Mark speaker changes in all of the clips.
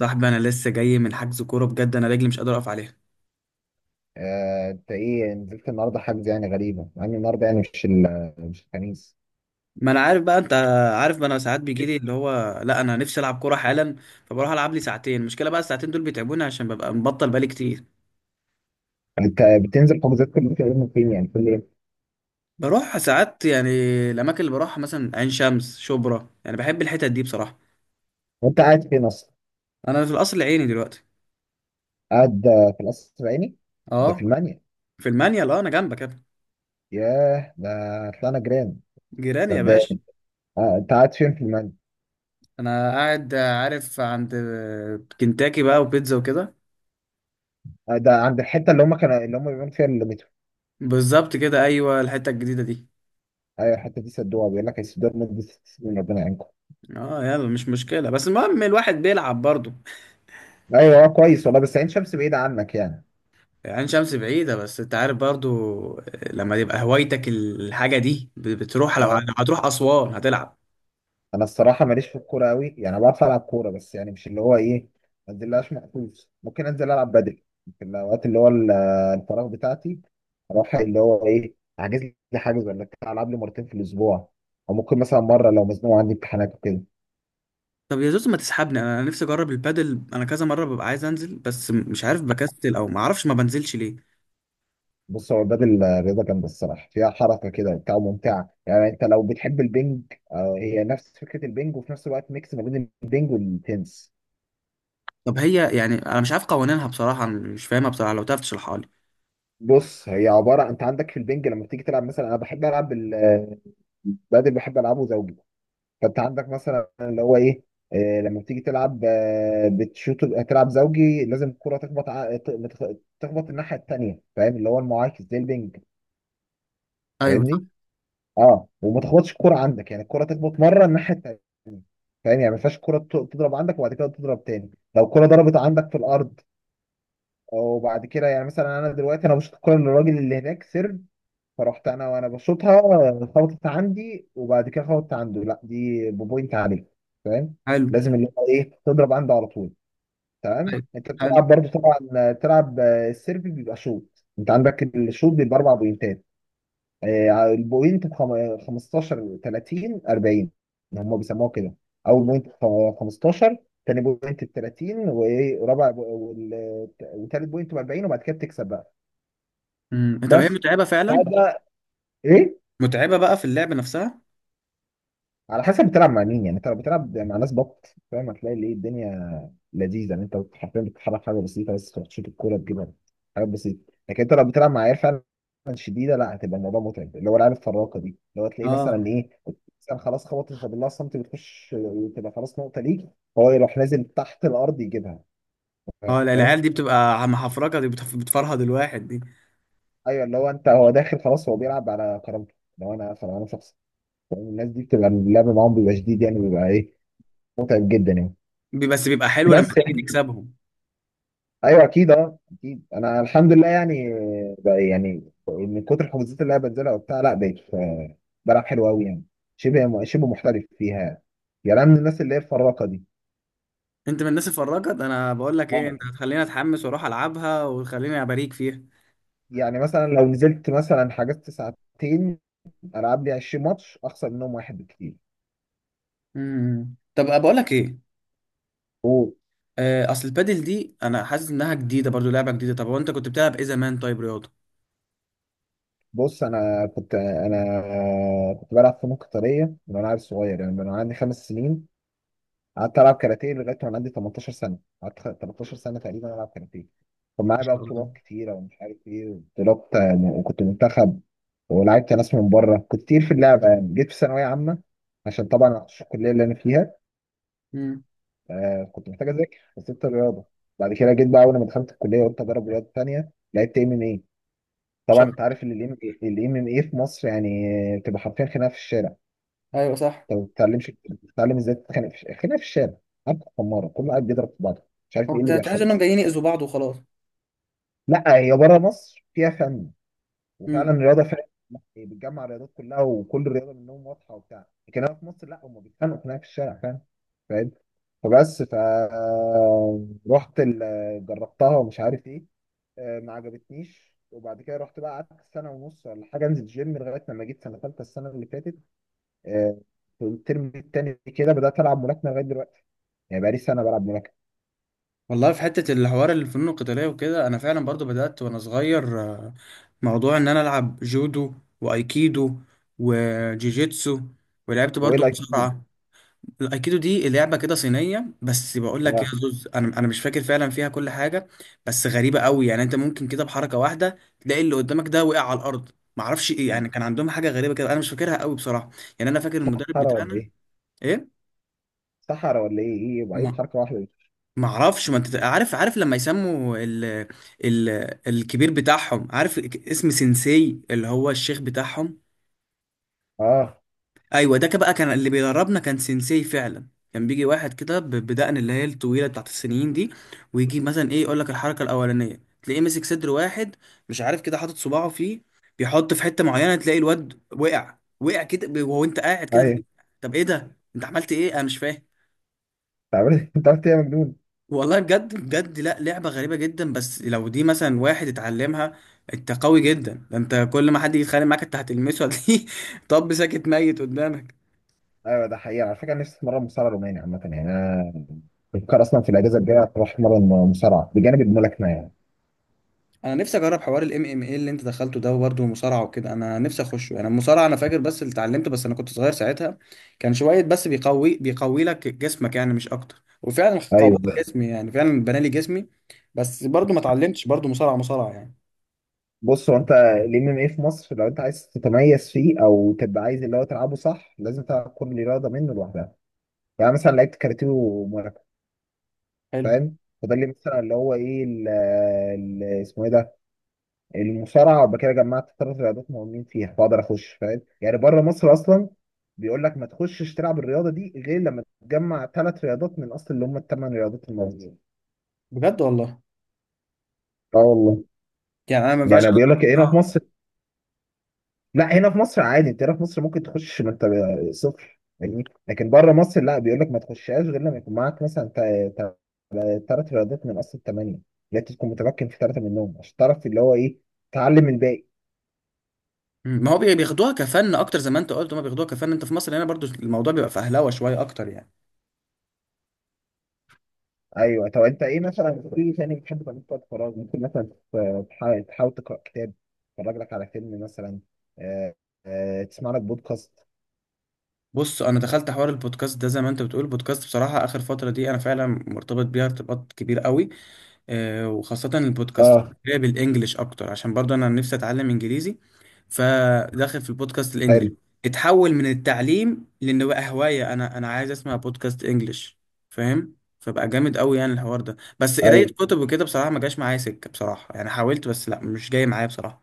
Speaker 1: صاحبي، انا لسه جاي من حجز كوره. بجد انا رجلي مش قادر اقف عليها.
Speaker 2: آه، انت ايه نزلت النهارده حجز؟ يعني غريبه مع ان النهارده يعني مش الخميس.
Speaker 1: ما انا عارف بقى. انت عارف، ما انا ساعات بيجي لي اللي هو لا، انا نفسي العب كوره حالا، فبروح العب لي ساعتين. المشكله بقى الساعتين دول بيتعبوني عشان ببقى مبطل بقالي كتير.
Speaker 2: انت بتنزل حجوزات كل فين فين؟ يعني كل ايه؟
Speaker 1: بروح ساعات يعني. الاماكن اللي بروحها مثلا عين شمس، شبرا، يعني بحب الحتت دي بصراحه.
Speaker 2: وانت قاعد فين اصلا؟
Speaker 1: انا في القصر العيني دلوقتي.
Speaker 2: قاعد في القصر العيني. ده في
Speaker 1: اه،
Speaker 2: المانيا؟
Speaker 1: في المانيال. اه، انا جنبك يا ابني.
Speaker 2: ياه، ده طلعنا جيران.
Speaker 1: جيراني
Speaker 2: ده,
Speaker 1: يا
Speaker 2: ده
Speaker 1: باشا.
Speaker 2: انت قاعد فين في المانيا؟
Speaker 1: انا قاعد عارف عند كنتاكي بقى، وبيتزا وكده.
Speaker 2: آه، ده عند الحته اللي هم بيعملوا فيها المترو.
Speaker 1: بالظبط كده، ايوه، الحته الجديده دي.
Speaker 2: ايوه، الحته دي سدوها. بيقول لك هيسدوها لمده 6 سنين، ربنا يعينكم.
Speaker 1: اه، يلا، مش مشكلة، بس المهم الواحد بيلعب برضو.
Speaker 2: ايوه. كويس والله، بس عين شمس بعيده عنك يعني.
Speaker 1: عين شمس بعيدة، بس انت عارف برضو، لما يبقى هوايتك الحاجة دي بتروح، لو
Speaker 2: اه،
Speaker 1: هتروح أسوان هتلعب.
Speaker 2: انا الصراحه ماليش في الكوره قوي، يعني أنا بعرف العب كوره بس يعني مش اللي هو ايه. ما انزلهاش مخصوص. ممكن انزل العب بدل في الاوقات الفراغ بتاعتي. اروح اللي هو ايه احجز لي حاجز ولا بتاع، العب لي مرتين في الاسبوع، او ممكن مثلا مره لو مزنوق عندي امتحانات وكده.
Speaker 1: طب يا زوز، ما تسحبني انا. نفسي اجرب البادل. انا كذا مرة ببقى عايز انزل بس مش عارف، بكسل او ما اعرفش، ما بنزلش ليه.
Speaker 2: بص، هو البدل رياضه جامده الصراحه، فيها حركه كده وبتاع وممتعه، يعني انت لو بتحب البنج، هي نفس فكره البنج وفي نفس الوقت ميكس ما بين البنج والتنس.
Speaker 1: طب هي يعني انا مش عارف قوانينها بصراحة، أنا مش فاهمها بصراحة، لو تعرف تشرحها لي.
Speaker 2: بص، هي عباره، انت عندك في البنج لما بتيجي تلعب، مثلا انا بحب العب بدل، بحب العبه زوجي. فانت عندك مثلا اللي هو ايه، لما بتيجي تلعب بتشوط. تلعب زوجي، لازم الكره تخبط ع- ت- ما تخ- تخبط الناحيه التانيه، فاهم؟ اللي هو المعاكس زي البنج.
Speaker 1: ايوه.
Speaker 2: فاهمني؟ اه، وما تخبطش الكره عندك، يعني الكره تخبط مره الناحيه التانيه. فاهم؟ يعني ما ينفعش الكره تضرب عندك وبعد كده تضرب تاني. لو الكره ضربت عندك في الارض وبعد كده، يعني مثلا انا دلوقتي انا بشوط الكره للراجل اللي هناك سيرف، فرحت انا وانا بشوطها، خبطت عندي وبعد كده خبطت عنده، لا دي بوينت عليك. فاهم؟
Speaker 1: حلو.
Speaker 2: لازم اللي هو ايه تضرب عنده على طول. تمام.
Speaker 1: أيوة،
Speaker 2: انت بتلعب
Speaker 1: حلو.
Speaker 2: برضه طبعا، تلعب. السيرفي بيبقى شوط. انت عندك الشوط بيبقى 4 بوينتات. البوينت ب 15 30 40. هم بيسموها كده. اول بوينت ب 15، تاني بوينت ب 30، وايه ورابع بو- وال- وتالت بوينت ب 40، وبعد كده بتكسب بقى.
Speaker 1: طب هي
Speaker 2: بس
Speaker 1: متعبة فعلا.
Speaker 2: تعال بقى. ايه؟
Speaker 1: متعبة بقى في اللعب نفسها.
Speaker 2: على حسب بتلعب مع مين. يعني انت لو بتلعب مع ناس بط، فاهم، هتلاقي ليه الدنيا لذيذه. يعني انت حرفيا بتتحرك حاجه بسيطه بس، تروح تشوط الكوره تجيبها، حاجات بسيطه. لكن انت لو بتلعب مع عيال فعلا شديده، لا هتبقى الموضوع متعب. اللي هو العيال الفراقه دي، اللي هو تلاقيه
Speaker 1: اه.
Speaker 2: مثلا ايه، مثلا خلاص خبطت فبالله صمت، بتخش وتبقى خلاص نقطه ليك، هو يروح نازل تحت الارض يجيبها.
Speaker 1: اه، لا، العيال
Speaker 2: فاهم؟
Speaker 1: دي بتبقى محفرجة. دي بتفرهد الواحد دي.
Speaker 2: ايوه، اللي هو انت هو داخل خلاص، هو بيلعب على كرامته. لو انا فلو انا شخص، فاهم؟ الناس دي بتبقى اللعب معاهم بيبقى شديد، يعني بيبقى ايه، متعب جدا يعني.
Speaker 1: بس بيبقى حلو لما
Speaker 2: بس.
Speaker 1: تيجي تكسبهم.
Speaker 2: ايوه، اكيد انا الحمد لله يعني، بقى يعني من كتر الحجوزات اللي انا بنزلها وبتاع، لا بقيت بلعب حلو قوي يعني، شبه شبه محترف فيها. يعني أنا من الناس اللي هي الفراقه دي.
Speaker 1: انت من الناس الفراجة ده. انا بقول لك ايه، انت
Speaker 2: يعني
Speaker 1: هتخليني اتحمس واروح العبها، وتخليني اباريك فيها.
Speaker 2: يعني مثلا لو نزلت مثلا حجزت ساعتين، العب لي 20 ماتش اخسر منهم واحد بكتير.
Speaker 1: طب بقول لك ايه. اصل البادل دي انا حاسس انها جديده برضو، لعبه جديده. طب هو انت كنت بتلعب ايه زمان؟ طيب رياضه؟
Speaker 2: بص، انا كنت بلعب فنون قتاليه من وانا عيل صغير، يعني من وانا عندي 5 سنين. قعدت العب كاراتيه لغايه وانا عندي 18 سنه، قعدت 13 سنه تقريبا العب كاراتيه. كان معايا
Speaker 1: مش
Speaker 2: بقى
Speaker 1: عارف.
Speaker 2: بطولات كتيره ومش عارف ايه بطولات، وكنت منتخب، ولعبت ناس من بره، كنت كتير في اللعبه. يعني جيت في ثانويه عامه، عشان طبعا عشان الكليه اللي انا فيها
Speaker 1: امم
Speaker 2: كنت محتاج اذاكر فسبت الرياضه. بعد كده جيت بقى، اول ما دخلت الكليه قلت اجرب رياضه تانيه، لعبت ام ام اي.
Speaker 1: مش
Speaker 2: طبعا
Speaker 1: عارف.
Speaker 2: انت عارف ان الام ام اي في مصر يعني بتبقى حرفيا خناقه في الشارع.
Speaker 1: ايوه صح.
Speaker 2: انت ما بتتعلمش، بتتعلم ازاي تتخانق في الخناقه في الشارع. عارف، خماره كله قاعد بيضرب في بعضه، مش عارف
Speaker 1: هو
Speaker 2: ايه اللي
Speaker 1: تحس
Speaker 2: بيحصل
Speaker 1: انهم
Speaker 2: اصلا.
Speaker 1: جايين يأذوا بعض وخلاص.
Speaker 2: لا هي بره مصر فيها فن، وفعلا
Speaker 1: امم
Speaker 2: الرياضه فعلا هي بتجمع الرياضات كلها، وكل رياضه منهم واضحه وبتاع. لكن هنا في مصر لا، هم بيتخانقوا خناقه في الشارع، فاهم؟ فاهم. فبس جربتها ومش عارف ايه، ما عجبتنيش. وبعد كده رحت بقى قعدت سنه ونص ولا حاجه انزل جيم، لغايه لما جيت سنه ثالثه السنه اللي فاتت، آه، في الترم التاني كده بدات العب ملاكمه لغايه دلوقتي، يعني بقالي سنه بلعب ملاكمه.
Speaker 1: والله في حته الحوار الفنون القتاليه وكده، انا فعلا برضو بدات وانا صغير. موضوع ان انا العب جودو، وايكيدو، وجيجيتسو، ولعبت
Speaker 2: هو ايه
Speaker 1: برضو
Speaker 2: لايك كده؟
Speaker 1: مصارعه. الايكيدو دي لعبه كده صينيه. بس بقول لك يا
Speaker 2: اه،
Speaker 1: زوز، انا مش فاكر فعلا فيها كل حاجه. بس غريبه قوي يعني، انت ممكن كده بحركه واحده تلاقي اللي قدامك ده وقع على الارض. معرفش ايه يعني، كان عندهم حاجه غريبه كده، انا مش فاكرها قوي بصراحه. يعني انا فاكر المدرب
Speaker 2: صحرا ولا
Speaker 1: بتاعنا.
Speaker 2: ايه؟
Speaker 1: ايه.
Speaker 2: صحرا ولا ايه؟ ايه؟ يبقى ايه
Speaker 1: ما
Speaker 2: بحركه واحده دي؟
Speaker 1: ما اعرفش، ما انت عارف، عارف لما يسموا ال... الكبير بتاعهم، عارف اسم سensei اللي هو الشيخ بتاعهم.
Speaker 2: اه
Speaker 1: ايوه، ده كان بقى اللي بيدربنا كان سينسي فعلا. كان بيجي واحد كده بدقن، اللي هي الطويله بتاعت السنين دي. ويجي مثلا ايه يقول لك الحركه الاولانيه، تلاقيه ماسك صدر واحد، مش عارف كده، حاطط صباعه فيه، بيحط في حته معينه، تلاقي الواد وقع وقع كده وهو انت قاعد كده
Speaker 2: ايوه،
Speaker 1: تلاقيه-
Speaker 2: انت
Speaker 1: طب ايه ده، انت عملت ايه؟ انا مش فاهم.
Speaker 2: عملت انت عملت ايه يا مجنون؟
Speaker 1: والله بجد بجد، لا، لعبه غريبه جدا. بس لو دي مثلا واحد اتعلمها، انت قوي جدا. ده انت كل ما حد يتخانق معاك، انت هتلمسه هتلاقيه طب ساكت ميت قدامك.
Speaker 2: ايوه، ده حقيقي على فكره. أنا نفسي اتمرن مصارعه روماني عامه، يعني انا بفكر اصلا في الاجازه الجايه اروح اتمرن مصارعه بجانب الملاكمه يعني.
Speaker 1: انا نفسي اجرب حوار الام ام اي اللي انت دخلته ده، وبرده المصارعه وكده. انا نفسي اخشه انا، المصارعه. انا فاكر بس اللي اتعلمته، بس انا كنت صغير ساعتها. كان شويه بس بيقوي بيقوي لك جسمك يعني، مش اكتر، وفعلا قوى
Speaker 2: ايوه،
Speaker 1: جسمي يعني، فعلا بنى لي جسمي. بس برضو ما اتعلمتش برضو مصارعه مصارعه يعني.
Speaker 2: بص، هو انت الام ام اي في مصر لو انت عايز تتميز فيه، او تبقى عايز اللي هو تلعبه صح، لازم تلعب كل رياضه منه لوحدها. يعني مثلا لعبت كاراتيه وملاكمه،
Speaker 1: حلو.
Speaker 2: فاهم؟ فده اللي مثلا اللي هو ايه اسمه ايه ده، المصارعه. وبعد كده جمعت ثلاث رياضات مهمين فيها، فاقدر اخش، فاهم؟ يعني بره مصر اصلا بيقول لك ما تخشش تلعب الرياضه دي غير لما تجمع ثلاث رياضات من اصل اللي هم ال 8 رياضات الموجودين.
Speaker 1: بجد والله.
Speaker 2: اه والله.
Speaker 1: يعني انا ما ينفعش
Speaker 2: يعني بيقول
Speaker 1: أقول-
Speaker 2: لك هنا في
Speaker 1: اه.
Speaker 2: مصر، لا هنا في مصر عادي، انت هنا في مصر ممكن تخش ما انت صفر، فاهمني؟ لكن بره مصر لا، بيقول لك ما تخشهاش غير لما يكون معاك مثلا 3 رياضات من اصل ال 8، يعني أنت تكون متمكن في 3 منهم عشان تعرف اللي هو ايه تعلم الباقي.
Speaker 1: ما هو بياخدوها كفن اكتر. زي ما انت قلت، هما بياخدوها كفن. انت في مصر هنا برضو الموضوع بيبقى فهلوه شويه اكتر يعني.
Speaker 2: ايوه. طب انت ايه مثلا في تاني بتحب تعمله في وقت فراغ؟ ممكن مثلا تحاول تقرا كتاب، تتفرج لك على فيلم مثلا، آه، تسمع لك بودكاست.
Speaker 1: بص، انا دخلت حوار البودكاست ده، زي ما انت بتقول، البودكاست بصراحه اخر فتره دي انا فعلا مرتبط بيها ارتباط كبير قوي. وخاصة البودكاست
Speaker 2: اه،
Speaker 1: اللي هي بالانجلش اكتر، عشان برضه انا نفسي اتعلم انجليزي، فداخل في البودكاست الانجليش.
Speaker 2: حلو.
Speaker 1: اتحول من التعليم لان بقى هواية. انا عايز اسمع بودكاست انجليش، فاهم؟ فبقى جامد قوي يعني الحوار ده. بس قراية
Speaker 2: ايوه،
Speaker 1: كتب وكده بصراحة ما جاش معايا سكة بصراحة يعني، حاولت بس لا، مش جاي معايا بصراحة.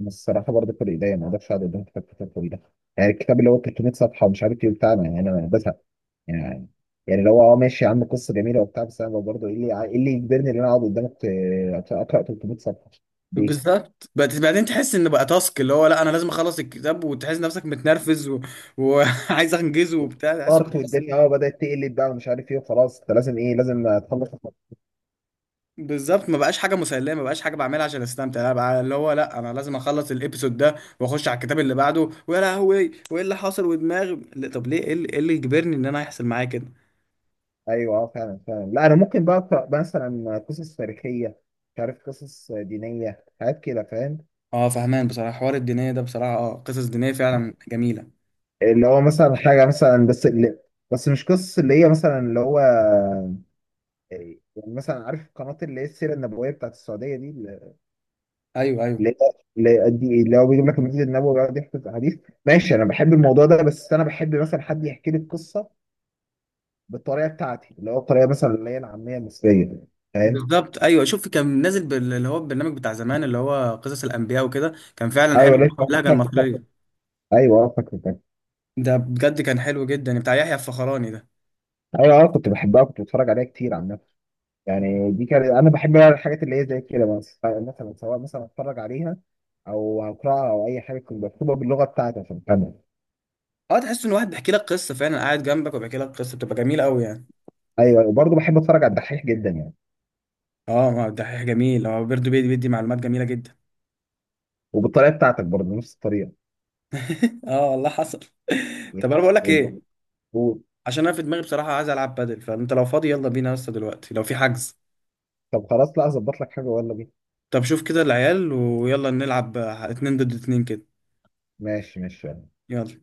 Speaker 2: بس الصراحه برضه في الايديا ما اقدرش اقعد قدام كتاب طويله. يعني الكتاب اللي هو 300 صفحه ومش عارف ايه بتاعنا، يعني انا بزهق يعني. يعني لو اه ماشي يا عم قصه جميله وبتاع، بس انا برضه ايه اللي يجبرني ان انا اقعد قدامك اقرا 300 صفحه؟ ليه؟
Speaker 1: بالظبط، بس بعدين تحس ان بقى تاسك، اللي هو لا، انا لازم اخلص الكتاب، وتحس نفسك متنرفز وعايز انجزه وبتاع تحس.
Speaker 2: ارت والدنيا بدات تقلب بقى ومش عارف ايه، وخلاص انت لازم تخلص.
Speaker 1: بالظبط، ما بقاش حاجه مسليه، ما بقاش حاجه بعملها عشان استمتع، لا بقى اللي هو لا، انا لازم اخلص الابيسود ده واخش على الكتاب اللي بعده، ويا لهوي، وايه اللي حاصل، ودماغي لا، طب ليه، ايه اللي إيه اللي يجبرني ان انا يحصل معايا كده؟
Speaker 2: ايوه، اه فعلا فعلا. لا انا ممكن بقى اقرا مثلا قصص تاريخيه، مش عارف قصص دينيه، حاجات كده، فاهم؟
Speaker 1: اه، فهمان بصراحه. حوار الدينيه ده بصراحه، اه، قصص دينيه فعلا جميله.
Speaker 2: اللي هو مثلا حاجه مثلا، بس اللي، بس مش قصص اللي هي مثلا اللي هو إيه، يعني مثلا عارف القناه اللي هي السيره النبويه بتاعت السعوديه دي، اللي
Speaker 1: ايوه، ايوه.
Speaker 2: اللي اللي هو بيجيب لك المسجد النبوي ويقعد يحكي في حديث؟ ماشي، انا بحب الموضوع ده، بس انا بحب مثلا حد يحكي لي القصه بالطريقه بتاعتي، اللي هو الطريقه مثلا اللي هي العاميه المصريه، فاهم؟
Speaker 1: بالظبط، ايوه. شوف، كان نازل اللي هو البرنامج بتاع زمان اللي هو قصص الانبياء وكده، كان فعلا حلو،
Speaker 2: ايوه ليه.
Speaker 1: اللهجه المصريه.
Speaker 2: ايوه، فاكر.
Speaker 1: ده بجد كان حلو جدا، بتاع يحيى الفخراني ده.
Speaker 2: ايوه اه، كنت بحبها كنت بتفرج عليها كتير عامة. يعني دي كانت، انا بحب بقى الحاجات اللي هي زي كده، بس مثلا سواء مثلا اتفرج عليها او اقراها او اي حاجه تكون مكتوبه باللغه بتاعتي عشان افهمها.
Speaker 1: اه، تحس ان واحد بيحكي لك قصه فعلا، قاعد جنبك وبيحكي لك قصه، بتبقى جميله قوي يعني.
Speaker 2: ايوه، وبرضه بحب اتفرج على الدحيح جدا يعني،
Speaker 1: اه، ما ده حاجه جميل، هو بيرضو بيدي بيدي معلومات جميله جدا.
Speaker 2: وبالطريقه بتاعتك برضه نفس الطريقه.
Speaker 1: اه والله حصل.
Speaker 2: يعني-
Speaker 1: طب انا بقول لك
Speaker 2: يعني-
Speaker 1: ايه،
Speaker 2: و-
Speaker 1: عشان انا في دماغي بصراحه عايز العب بادل، فانت لو فاضي يلا بينا يا اسطى دلوقتي، لو في حجز.
Speaker 2: طب خلاص. لا اظبط لك حاجه ولا بينا؟
Speaker 1: طب شوف كده العيال، ويلا نلعب اتنين ضد اتنين كده.
Speaker 2: ماشي ماشي.
Speaker 1: يلا.